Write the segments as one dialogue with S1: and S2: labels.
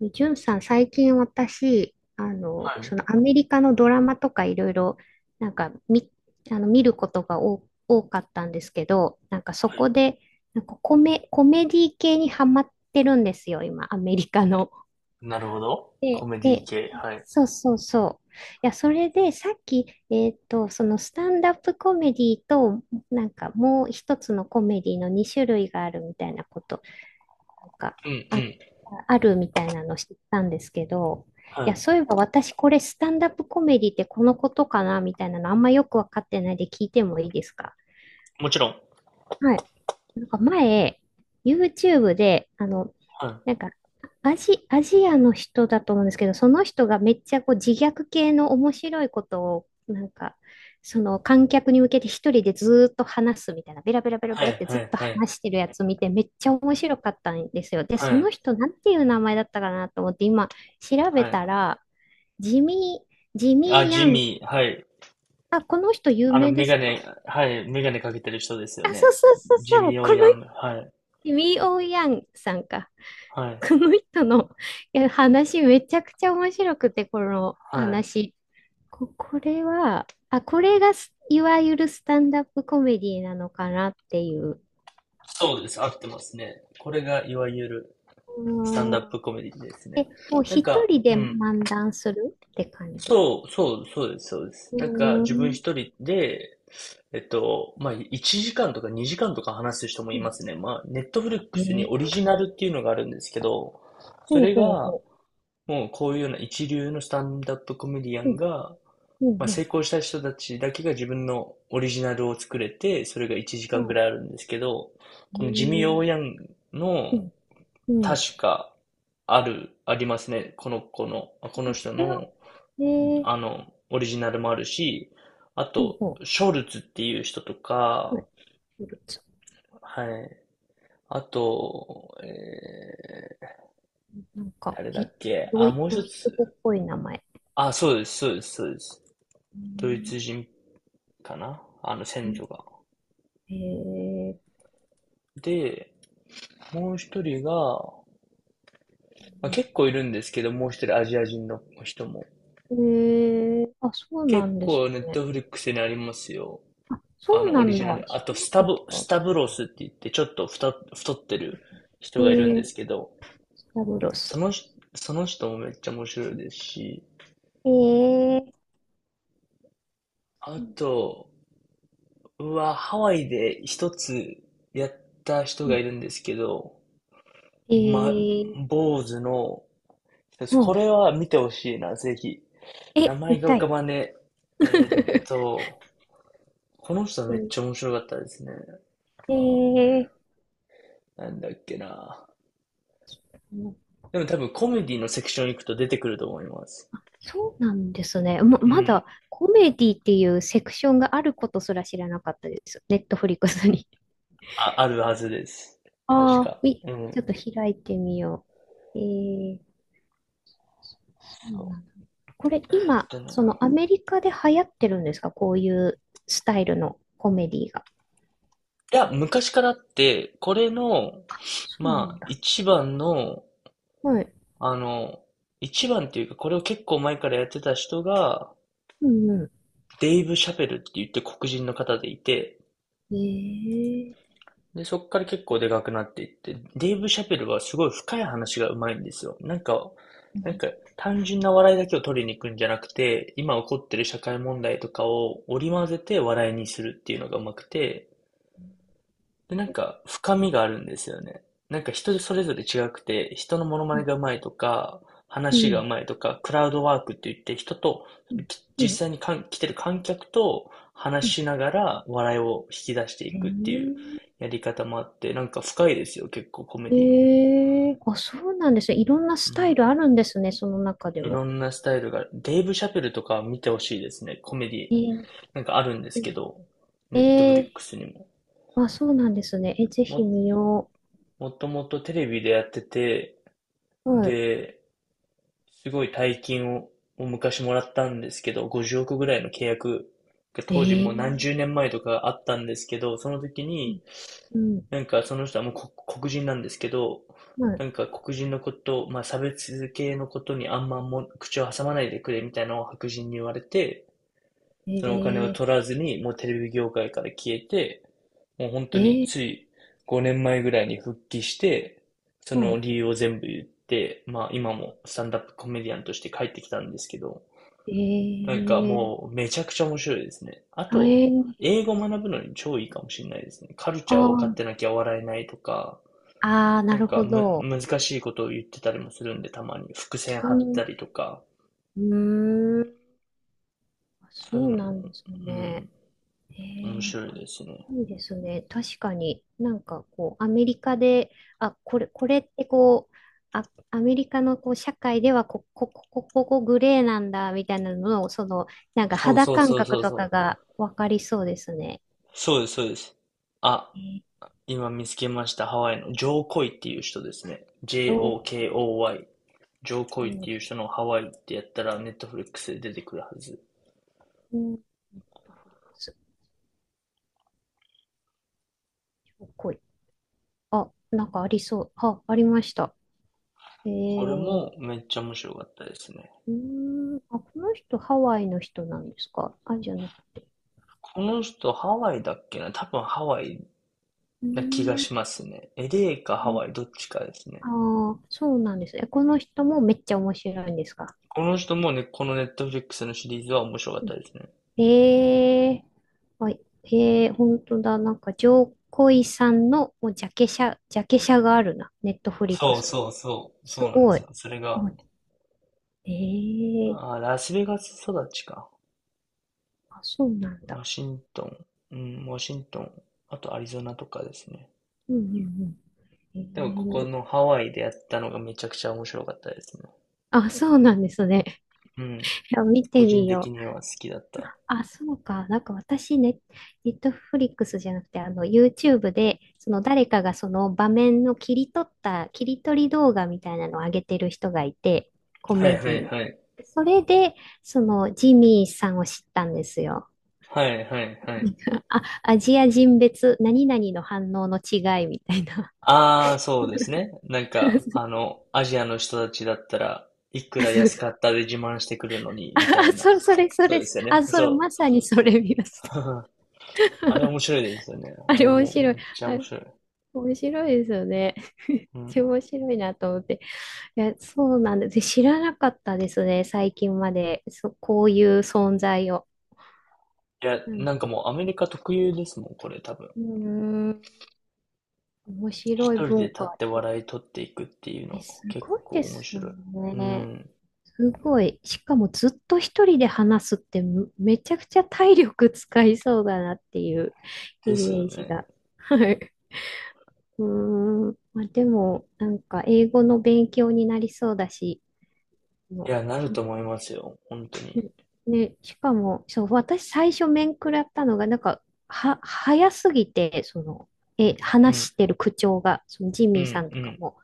S1: でジュンさん、最近私、
S2: はい。
S1: そ
S2: は
S1: のアメリカのドラマとかいろいろ、なんか見、あの見ることが多かったんですけど、なんかそこ
S2: い。
S1: で、コメディ系にハマってるんですよ、今、アメリカの。
S2: なるほど。コ
S1: で、
S2: メディ
S1: で、
S2: 系。はい。
S1: そうそうそう。いや、それでさっき、そのスタンダップコメディと、なんかもう一つのコメディの2種類があるみたいなことなんか、
S2: うんう
S1: あ、
S2: ん。
S1: あるみたいなの知ったんですけど、いや、
S2: は
S1: そういえば私これスタンダップコメディってこのことかなみたいなのあんまよくわかってないで聞いてもいいですか？
S2: い。もちろん。
S1: はい。なんか前、YouTube で、
S2: はい。
S1: なんか、アジアの人だと思うんですけど、その人がめっちゃこう自虐系の面白いことを、その観客に向けて一人でずーっと話すみたいな、ベラベラベラベ
S2: は
S1: ラっ
S2: い
S1: てずっ
S2: はい
S1: と
S2: はい。
S1: 話してるやつ見て、めっちゃ面白かったんですよ。で、
S2: は
S1: その
S2: い。
S1: 人、なんていう名前だったかなと思って、今、調べ
S2: はい。
S1: たら、ジミジ
S2: あ、
S1: ミー・ヤ
S2: ジ
S1: ン、
S2: ミー。はい。
S1: あ、この人有
S2: あの、
S1: 名で
S2: メ
S1: す
S2: ガネ、
S1: か？
S2: はい。メガネかけてる人ですよ
S1: あ、そう
S2: ね。
S1: そうそう
S2: ジ
S1: そ
S2: ミー・
S1: う、
S2: ヨ
S1: こ
S2: ー
S1: の
S2: ヤング。はい。
S1: ジミー・オー・ヤンさんか。
S2: はい。
S1: この人の いや話めちゃくちゃ面白くて、この
S2: はい。
S1: 話。これは、あ、これがすいわゆるスタンダップコメディなのかなっていう。
S2: そうです。合ってますね。これがいわゆる
S1: う
S2: スタン
S1: ー
S2: ダップ
S1: ん。
S2: コメディです
S1: え、
S2: ね。
S1: もう
S2: なん
S1: 一
S2: か、
S1: 人
S2: う
S1: で
S2: ん。
S1: 漫談するって感じ？
S2: そう、そう、そうです、そうです。
S1: う
S2: なんか、
S1: ー
S2: 自分
S1: ん。
S2: 一人で、まあ、1時間とか2時間とか話す人も
S1: う
S2: いま
S1: ん。
S2: すね。まあ、ネットフリッ
S1: え
S2: クスにオリ
S1: ー、
S2: ジナルっていうのがあるんですけど、そ
S1: ほう
S2: れ
S1: ほう
S2: が、
S1: ほ
S2: もうこういうような一流のスタンダップコメディア
S1: う。う
S2: ン
S1: ん、
S2: が、
S1: う
S2: ま
S1: ん、
S2: あ、
S1: う
S2: 成
S1: ん。
S2: 功した人たちだけが自分のオリジナルを作れて、それが1時
S1: ほ
S2: 間ぐらいあるんですけど、
S1: う。
S2: このジミ
S1: え
S2: ー・オ
S1: ー。
S2: ーヤン
S1: う
S2: の、
S1: ん、うん。そ
S2: 確か、ありますね。この子の、あこの人
S1: れは、
S2: の、
S1: えー、
S2: あの、オリジナルもあるし、あ
S1: ほう
S2: と、
S1: ほ
S2: ショルツっていう人と
S1: う。は
S2: か、
S1: い。フルーツ。
S2: はい。あと、
S1: なんか、
S2: 誰だ
S1: い、
S2: っけ
S1: ドイ、
S2: もう
S1: ド
S2: 一
S1: イツ語っ
S2: つ。
S1: ぽい名前。
S2: あ、そうです、そうです、そうです。
S1: うー
S2: ドイツ
S1: ん。
S2: 人かな、あの、先祖が。
S1: えー、
S2: で、もう一人が、まあ、結構いるんですけど、もう一人アジア人の人も。
S1: えー、あ、そうな
S2: 結
S1: んです
S2: 構ネッ
S1: ね。
S2: トフリックスにありますよ。
S1: あ、そ
S2: あ
S1: う
S2: の、オ
S1: な
S2: リ
S1: ん
S2: ジナ
S1: だ。
S2: ル。あ
S1: 知
S2: と、
S1: らな
S2: スタ
S1: かっ
S2: ブ、ス
S1: た。
S2: タブロスって言って、ちょっと太ってる
S1: え
S2: 人がいるんで
S1: ー、
S2: すけど、
S1: スタブロ
S2: そ
S1: ス。
S2: の人、その人もめっちゃ面白いですし、
S1: えー、
S2: あと、うわ、ハワイで一つやった人
S1: う
S2: が
S1: ん。
S2: いるんですけど、
S1: え
S2: ま、
S1: ー、
S2: 坊主の、
S1: う
S2: こ
S1: ん。
S2: れは見てほしいな、ぜひ。名
S1: え、
S2: 前
S1: 見
S2: が
S1: た
S2: 浮か
S1: い。
S2: ばねえ。と、この人は
S1: え
S2: めっ
S1: ー、
S2: ちゃ面白かったですね。あー、
S1: え
S2: なんだっけな。
S1: ー、
S2: でも多分コメディのセクション行くと出てくると思います。
S1: そうなんですね。
S2: う
S1: ま
S2: ん。
S1: だコメディっていうセクションがあることすら知らなかったです。ネットフリックスに。
S2: あ、あるはずです。確
S1: ああ、
S2: か。う
S1: ち
S2: ん。
S1: ょっと開いてみよう。えー、そう
S2: そ
S1: な
S2: う。
S1: んだ。これ
S2: えっ
S1: 今、
S2: とね
S1: そのアメリカで流行ってるんですか？こういうスタイルのコメディが。
S2: いや、昔からあって、これの、
S1: そうな
S2: ま
S1: ん
S2: あ、
S1: だ。
S2: 一番の、
S1: はい。
S2: あの、一番っていうか、これを結構前からやってた人が、
S1: うんう
S2: デイブ・シャペルって言って黒人の方でいて、
S1: ん。ええ。
S2: で、そっから結構でかくなっていって、デイブ・シャペルはすごい深い話がうまいんですよ。なんか、
S1: う
S2: なんか、
S1: ん。
S2: 単純な笑いだけを取りに行くんじゃなくて、今起こってる社会問題とかを織り交ぜて笑いにするっていうのがうまくて、で、なんか深みがあるんですよね。なんか人それぞれ違くて、人のモノマ
S1: う
S2: ネ
S1: ん。
S2: がうまいとか、
S1: う
S2: 話がう
S1: ん。
S2: まいとか、クラウドワークって言って人と、
S1: う
S2: 実
S1: ん。
S2: 際に来てる観客と
S1: う
S2: 話
S1: ん。
S2: しながら笑いを引き出していくっていう
S1: へ
S2: やり方もあって、なんか深いですよ、結構コメ
S1: え。
S2: ディも。
S1: ええ。あ、そうなんですね。いろんな
S2: う
S1: スタイ
S2: ん。
S1: ルあるんですね。その中で
S2: い
S1: も。
S2: ろんなスタイルが、デイブ・シャペルとか見てほしいですね、コメディ。
S1: ええ。
S2: なんかあるんですけど、
S1: え
S2: ネットフリッ
S1: え。
S2: クスにも。
S1: あ、そうなんですね。え、ぜひ
S2: も、
S1: 見よ
S2: もともとテレビでやってて、
S1: う。は
S2: で、すごい大金を昔もらったんですけど、50億ぐらいの契約が
S1: い。
S2: 当時
S1: え
S2: も
S1: え。
S2: う何十年前とかあったんですけど、その時
S1: う
S2: に、
S1: ん。うん。
S2: なんかその人はもう黒人なんですけど、なん
S1: は
S2: か黒人のこと、まあ差別系のことにあんま口を挟まないでくれみたいなのを白人に言われて、
S1: い。
S2: そのお金
S1: え
S2: を
S1: え。
S2: 取らずに、もうテレビ業界から消えて、もう本当
S1: え
S2: につ
S1: え。
S2: い5年前ぐらいに復帰して、その
S1: は
S2: 理由を全部言って、まあ今もスタンダップコメディアンとして帰ってきたんですけど、
S1: い。
S2: なんか
S1: ええ。
S2: もうめちゃくちゃ面白いですね。あ
S1: あ、
S2: と、
S1: えー、
S2: 英語学ぶのに超いいかもしれないですね。カル
S1: あ
S2: チャーを分かっ
S1: ー、
S2: てなきゃ笑えないとか、
S1: あー、な
S2: なん
S1: る
S2: か
S1: ほ
S2: む、
S1: ど。
S2: 難しいことを言ってたりもするんで、たまに伏線
S1: う
S2: 張っ
S1: ん、
S2: たりとか、
S1: うーん、あ、
S2: そうい
S1: そ
S2: う
S1: う
S2: の
S1: なん
S2: も、
S1: です
S2: う
S1: ね。
S2: ん、
S1: え
S2: 面
S1: ー、
S2: 白い
S1: あ、
S2: ですね。
S1: いいですね。確かになんかこう、アメリカで、あ、これ、これってこう、あ、アメリカのこう社会ではここグレーなんだみたいなのを、その、なんか
S2: そう
S1: 肌
S2: そう
S1: 感
S2: そうそ
S1: 覚
S2: う
S1: と
S2: そ
S1: か
S2: う。
S1: がわかりそうですね。
S2: そうです、そうです。あ、
S1: えー、
S2: 今見つけました。ハワイのジョーコイっていう人ですね。
S1: 情報
S2: JOKOY。ジョーコイっ
S1: 料理。
S2: ていう人のハワイってやったらネットフリックスで出てくるはず。
S1: うん。ネットフリックス、情報料理。あ、なんかありそう。あ、ありました。え
S2: これ
S1: え。
S2: もめっちゃ面白かったですね。
S1: うーん、あ、この人ハワイの人なんですか？あ、じゃなくて。
S2: この人ハワイだっけな、多分ハワイ
S1: うー
S2: な気が
S1: ん、
S2: しますね。エレーかハワイどっちかですね。
S1: ああ、そうなんです。え、この人もめっちゃ面白いんですか？
S2: この人もね、このネットフリックスのシリーズは面白かったですね。
S1: ええ。はい。ええ、本当だ。なんか、ジョーコイさんのもうジャケ写があるな。ネットフリック
S2: そう
S1: スに。
S2: そうそう。そ
S1: す
S2: うなんで
S1: ご
S2: す
S1: い。
S2: よ。それ
S1: あ。
S2: が、
S1: ええ。
S2: ラスベガス育ちか。
S1: あ、そうなん
S2: ワ
S1: だ。
S2: シントン、うん、ワシントン、あとアリゾナとかですね。
S1: うんうんうん。え
S2: でもここの
S1: え。
S2: ハワイでやったのがめちゃくちゃ面白かったですね。
S1: あ、そうなんですね。
S2: うん。
S1: いや見
S2: 個
S1: て
S2: 人
S1: み
S2: 的
S1: よう。
S2: には好きだった。
S1: あ、そうか。なんか私ね、ネットフリックスじゃなくて、あの、YouTube で、その誰かがその場面の切り取り動画みたいなのを上げてる人がいて、コ
S2: は
S1: メ
S2: い
S1: デ
S2: はい
S1: ィ。
S2: はい。
S1: それで、その、ジミーさんを知ったんですよ。
S2: はいはいはい。
S1: あ、アジア人別、何々の反応の違いみたいな。
S2: ああ、そうですね。なんか、あ の、アジアの人たちだったらいく
S1: あ、
S2: ら
S1: そう
S2: 安
S1: そ
S2: か
S1: う。
S2: ったで自慢してくるのに、
S1: あ、
S2: みた
S1: あ
S2: いな。
S1: それ、それ、そ
S2: そう
S1: れ、
S2: ですよね。
S1: あ、それ、
S2: そう。
S1: まさにそれ見ました。
S2: あれ 面白いですよね。
S1: あ
S2: あ
S1: れ
S2: れ
S1: 面
S2: もめ
S1: 白い。
S2: っちゃ面白い。
S1: 面白いですよね。
S2: うん。
S1: 超面白いなと思って。いや、そうなんです。知らなかったですね、最近まで。そ、こういう存在を。
S2: いや、
S1: うん、
S2: なんかもうアメリカ特有ですもん、これ多分。
S1: うーん、面白い
S2: 一人で
S1: 文
S2: 立っ
S1: 化。
S2: て笑い取っていくっていうの
S1: え、す
S2: も結
S1: ごい
S2: 構
S1: で
S2: 面
S1: すよ
S2: 白い。う
S1: ね。
S2: ん。
S1: すごい。しかもずっと一人で話すってめちゃくちゃ体力使いそうだなっていう
S2: で
S1: イ
S2: すよ
S1: メージ
S2: ね。
S1: が。はい。うーん。まあ、でも、なんか英語の勉強になりそうだし、
S2: い
S1: も
S2: や、なる
S1: う、
S2: と思いますよ。本当に。
S1: ね、ね、しかも、そう、私最初面食らったのが、なんか、早すぎて、その、え、
S2: う
S1: 話
S2: ん。
S1: してる口調が、そのジ
S2: う
S1: ミーさ
S2: ん
S1: んと
S2: う
S1: か
S2: ん。
S1: も、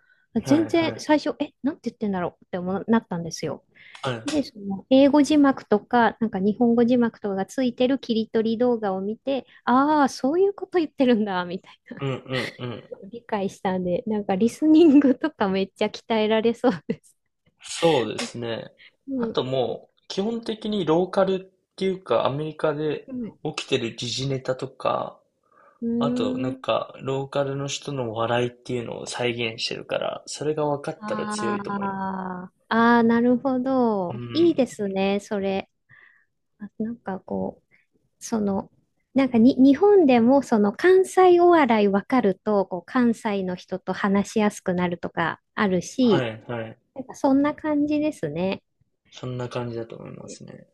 S2: はい
S1: 全
S2: は
S1: 然
S2: い。
S1: 最初、え、なんて言ってんだろうって思うなったんですよ。
S2: はい。
S1: で、その、英語字幕とか、なんか日本語字幕とかがついてる切り取り動画を見て、ああ、そういうこと言ってるんだ、みたいな、
S2: うんうんうん。
S1: 理解したんで、なんかリスニングとかめっちゃ鍛えられそうです。
S2: そうですね。
S1: う
S2: あ
S1: ん。
S2: ともう、基本的にローカルっていうか、アメリカで
S1: うん。
S2: 起きてる時事ネタとか、
S1: うー
S2: あとなん
S1: ん。
S2: か、ローカルの人の笑いっていうのを再現してるから、それが分かったら強
S1: あ
S2: いと思います。
S1: あ、ああ、なるほ
S2: う
S1: ど。いいで
S2: ん。
S1: すね、それ。あ、なんかこう、その、なんかに、日本でもその関西お笑いわかると、こう、関西の人と話しやすくなるとかある
S2: は
S1: し、
S2: いはい。
S1: なんかそんな感じですね。
S2: そんな感じだと思いま
S1: え、
S2: すね。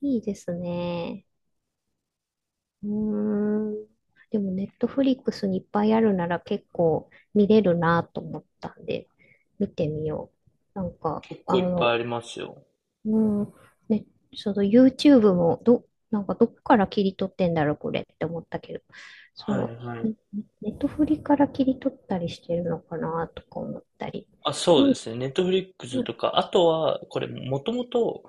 S1: いいですね。うーん。でも、ネットフリックスにいっぱいあるなら結構見れるなと思ったんで、見てみよう。なんか、
S2: 結
S1: あ
S2: 構いっぱい
S1: の、
S2: ありますよ。
S1: うん。ね、その YouTube も、ど、なんかどこから切り取ってんだろう、これって思ったけど、そ
S2: は
S1: の、
S2: いはい。
S1: ね、ネットフリから切り取ったりしてるのかな、とか思ったり。
S2: あ、そ
S1: な
S2: う
S1: ん、
S2: ですね。ネットフリックス
S1: な
S2: とか、あとは、これ、もともと、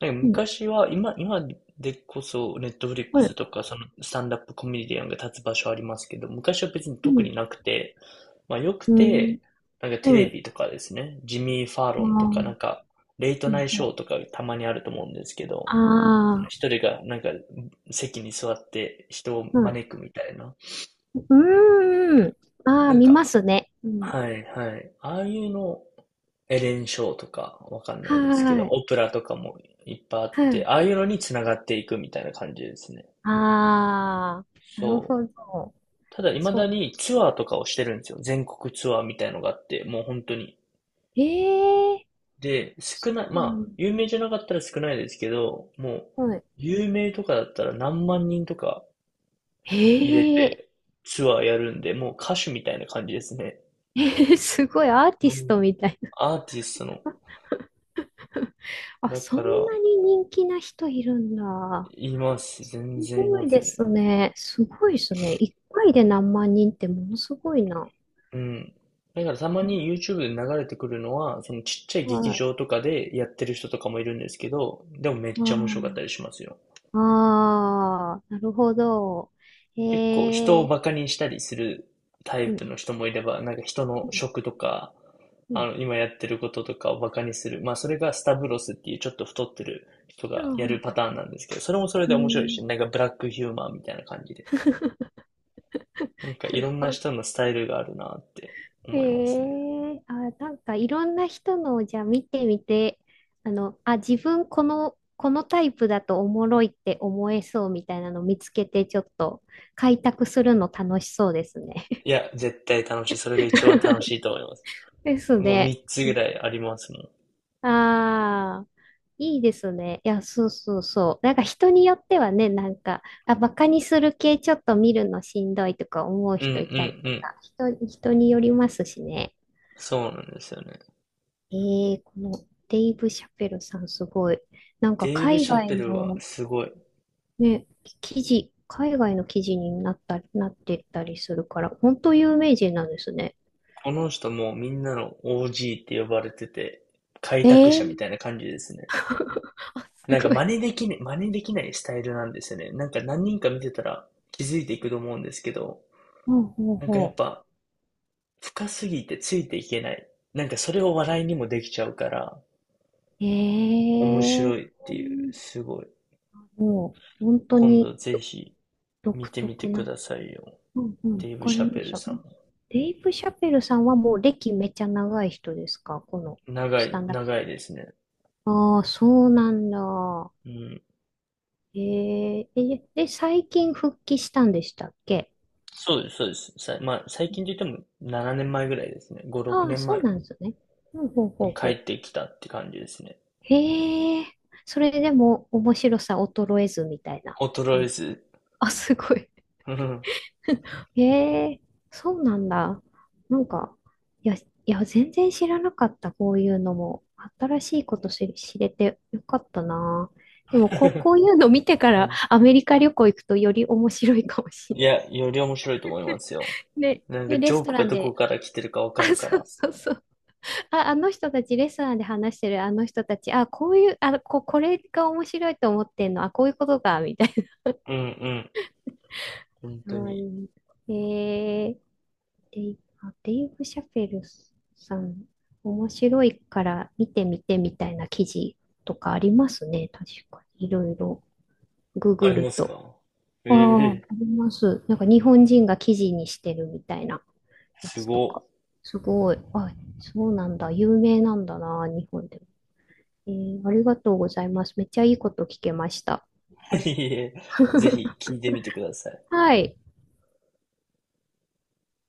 S2: なんか
S1: うん、
S2: 昔は、今でこそ、ネットフリッ
S1: は
S2: クス
S1: い、
S2: とか、その、スタンダップコメディアンが立つ場所ありますけど、昔は別に
S1: う
S2: 特
S1: ん、
S2: になくて、まあ、よく
S1: うん、
S2: て、なんかテレ
S1: はい。
S2: ビとかですね、ジミー・ファーロ
S1: あ
S2: ンとか、なんか、レイト
S1: ー、
S2: ナイ
S1: う
S2: トショ
S1: ん、
S2: ーとかたまにあると思うんですけど、
S1: あ
S2: 一人がなんか席に座って人を
S1: ー、う、
S2: 招くみたいな。
S1: うーん、ああ、
S2: なん
S1: 見ま
S2: か、
S1: すね。うん、
S2: はいはい。ああいうの、エレン・ショーとか、わかんな
S1: は
S2: いですけど、
S1: ーい、
S2: オプラとかもいっぱいあ
S1: は
S2: って、
S1: い、
S2: ああいうのに繋がっていくみたいな感じですね。
S1: ああ、なる
S2: そ
S1: ほ
S2: う。
S1: ど。
S2: ただ、未
S1: そ
S2: だ
S1: う。
S2: にツアーとかをしてるんですよ。全国ツアーみたいのがあって、もう本当に。
S1: ええ
S2: で、
S1: ー、そ
S2: 少ない、
S1: う
S2: ま
S1: なん
S2: あ、
S1: だ。
S2: 有名じゃなかったら少ないですけど、もう、
S1: はい。
S2: 有名とかだったら何万人とか入れ
S1: へえ、
S2: てツアーやるんで、もう歌手みたいな感じですね。
S1: すごいアーテ
S2: う
S1: ィス
S2: ん。
S1: トみたいな。
S2: アーティストの。
S1: あ、
S2: だ
S1: そん
S2: から、
S1: なに人気な人いるんだ。
S2: います。
S1: す
S2: 全然い
S1: ご
S2: ま
S1: い
S2: す
S1: で
S2: ね。
S1: すね。すごいですね。一回で何万人ってものすごいな。
S2: うん。だからたまに YouTube で流れてくるのは、そのちっちゃい劇
S1: はい。
S2: 場とかでやってる人とかもいるんですけど、でもめっ
S1: あ
S2: ちゃ面白かったりしますよ。
S1: あ、あー、なるほど。
S2: 結構人
S1: へ
S2: を
S1: え、
S2: バカにしたりするタイ
S1: う
S2: プ
S1: ん、
S2: の人もいれば、なんか人
S1: う
S2: の
S1: ん、
S2: 職とか、
S1: う
S2: あ
S1: ん。
S2: の、今やってることとかをバカにする。まあそれがスタブロスっていうちょっと太ってる人
S1: あ
S2: がやる
S1: ー、
S2: パターンなんですけど、それもそれ
S1: う
S2: で面白い
S1: ん
S2: し、なんかブラックヒューマンみたいな感じで。なんかい
S1: なる
S2: ろん
S1: ほ
S2: な
S1: ど。
S2: 人のスタイルがあるなって
S1: え
S2: 思いますね。
S1: え。あ、なんかいろんな人のをじゃあ見てみて、あの、あ、自分この、このタイプだとおもろいって思えそうみたいなの見つけて、ちょっと開拓するの楽しそうですね。
S2: いや、絶対楽しい。それが一番楽しいと思います。
S1: です
S2: もう
S1: ね。
S2: 3つぐらいありますもん。
S1: ああ、いいですね。いや、そうそうそう。なんか人によってはね、なんか、あ、バカにする系ちょっと見るのしんどいとか思う
S2: うんうんう
S1: 人いたりと
S2: ん。
S1: か、人、人によりますしね。
S2: そうなんですよね。
S1: ええ、このデイブ・シャペルさんすごい。なんか
S2: デーブ・
S1: 海
S2: シャ
S1: 外
S2: ペルは
S1: の
S2: すごい。
S1: ね、海外の記事になったり、なってったりするから、本当有名人なんですね。
S2: この人もうみんなの OG って呼ばれてて、開拓者み
S1: ええ。
S2: たいな感じですね。
S1: あ、す
S2: なんか
S1: ご
S2: 真
S1: い。
S2: 似できない、真似できないスタイルなんですよね。なんか何人か見てたら気づいていくと思うんですけど、
S1: ほうほう
S2: なんかやっ
S1: ほ
S2: ぱ深すぎてついていけない。なんかそれを笑いにもできちゃうから、面
S1: う。
S2: 白いっ
S1: ええ、
S2: ていう、すごい。
S1: もう本当
S2: 今
S1: に
S2: 度ぜひ見
S1: 独
S2: てみて
S1: 特
S2: く
S1: な。
S2: ださいよ。
S1: うんうん、わ
S2: デイブ・
S1: か
S2: シ
S1: り
S2: ャペ
S1: まし
S2: ル
S1: た。
S2: さんも。
S1: デイブ・シャペルさんはもう歴めちゃ長い人ですか？この
S2: 長
S1: スタ
S2: い、
S1: ンダップ。
S2: 長いですね。
S1: ああ、そうなんだ。
S2: うん。
S1: えー、え、で、最近復帰したんでしたっけ？
S2: そうです、そうです。さ、まあ、最近といっても7年前ぐらいですね。5、6
S1: ああ、
S2: 年
S1: そう
S2: 前
S1: なんですね。ほうほうほう
S2: に帰
S1: ほ
S2: っ
S1: う。
S2: てきたって感じですね。
S1: へえ、それでも面白さ衰えずみたいな
S2: 衰
S1: 感
S2: え
S1: じ。
S2: ず。
S1: あ、すごい。
S2: うん。
S1: へえ、そうなんだ。なんか、いや、いや、全然知らなかった、こういうのも。新しいこと知れてよかったな。でもこう、こ ういうの見てか
S2: う
S1: ら
S2: ん、
S1: アメリカ旅行行くとより面白いかもしれ
S2: い
S1: な
S2: や、
S1: い。
S2: より面白いと思いますよ。
S1: ね、
S2: なんか
S1: で、
S2: ジ
S1: レス
S2: ョー
S1: ト
S2: ク
S1: ラ
S2: が
S1: ン
S2: どこ
S1: で、
S2: から来てるかわかる
S1: あ、
S2: か
S1: そう
S2: ら。
S1: そうそう。あ、あの人たち、レストランで話してるあの人たち、あ、こういう、あ、これが面白いと思ってんの、あ、こういうことか、みたい
S2: うんうん。本
S1: な。
S2: 当
S1: かわい
S2: に。
S1: い。えー、デイブ・シャペルさん、面白いから見てみてみたいな記事とかありますね、確かに。いろいろ、グ
S2: あ
S1: グ
S2: り
S1: る
S2: ます
S1: と。
S2: か？
S1: ああ、あ
S2: ええ、
S1: ります。なんか日本人が記事にしてるみたいなや
S2: す
S1: つとか。
S2: ご。
S1: すごい。あ、そうなんだ。有名なんだな、日本でも。えー、ありがとうございます。めっちゃいいこと聞けました。
S2: いえ、ぜひ 聞いてみてください。
S1: はい。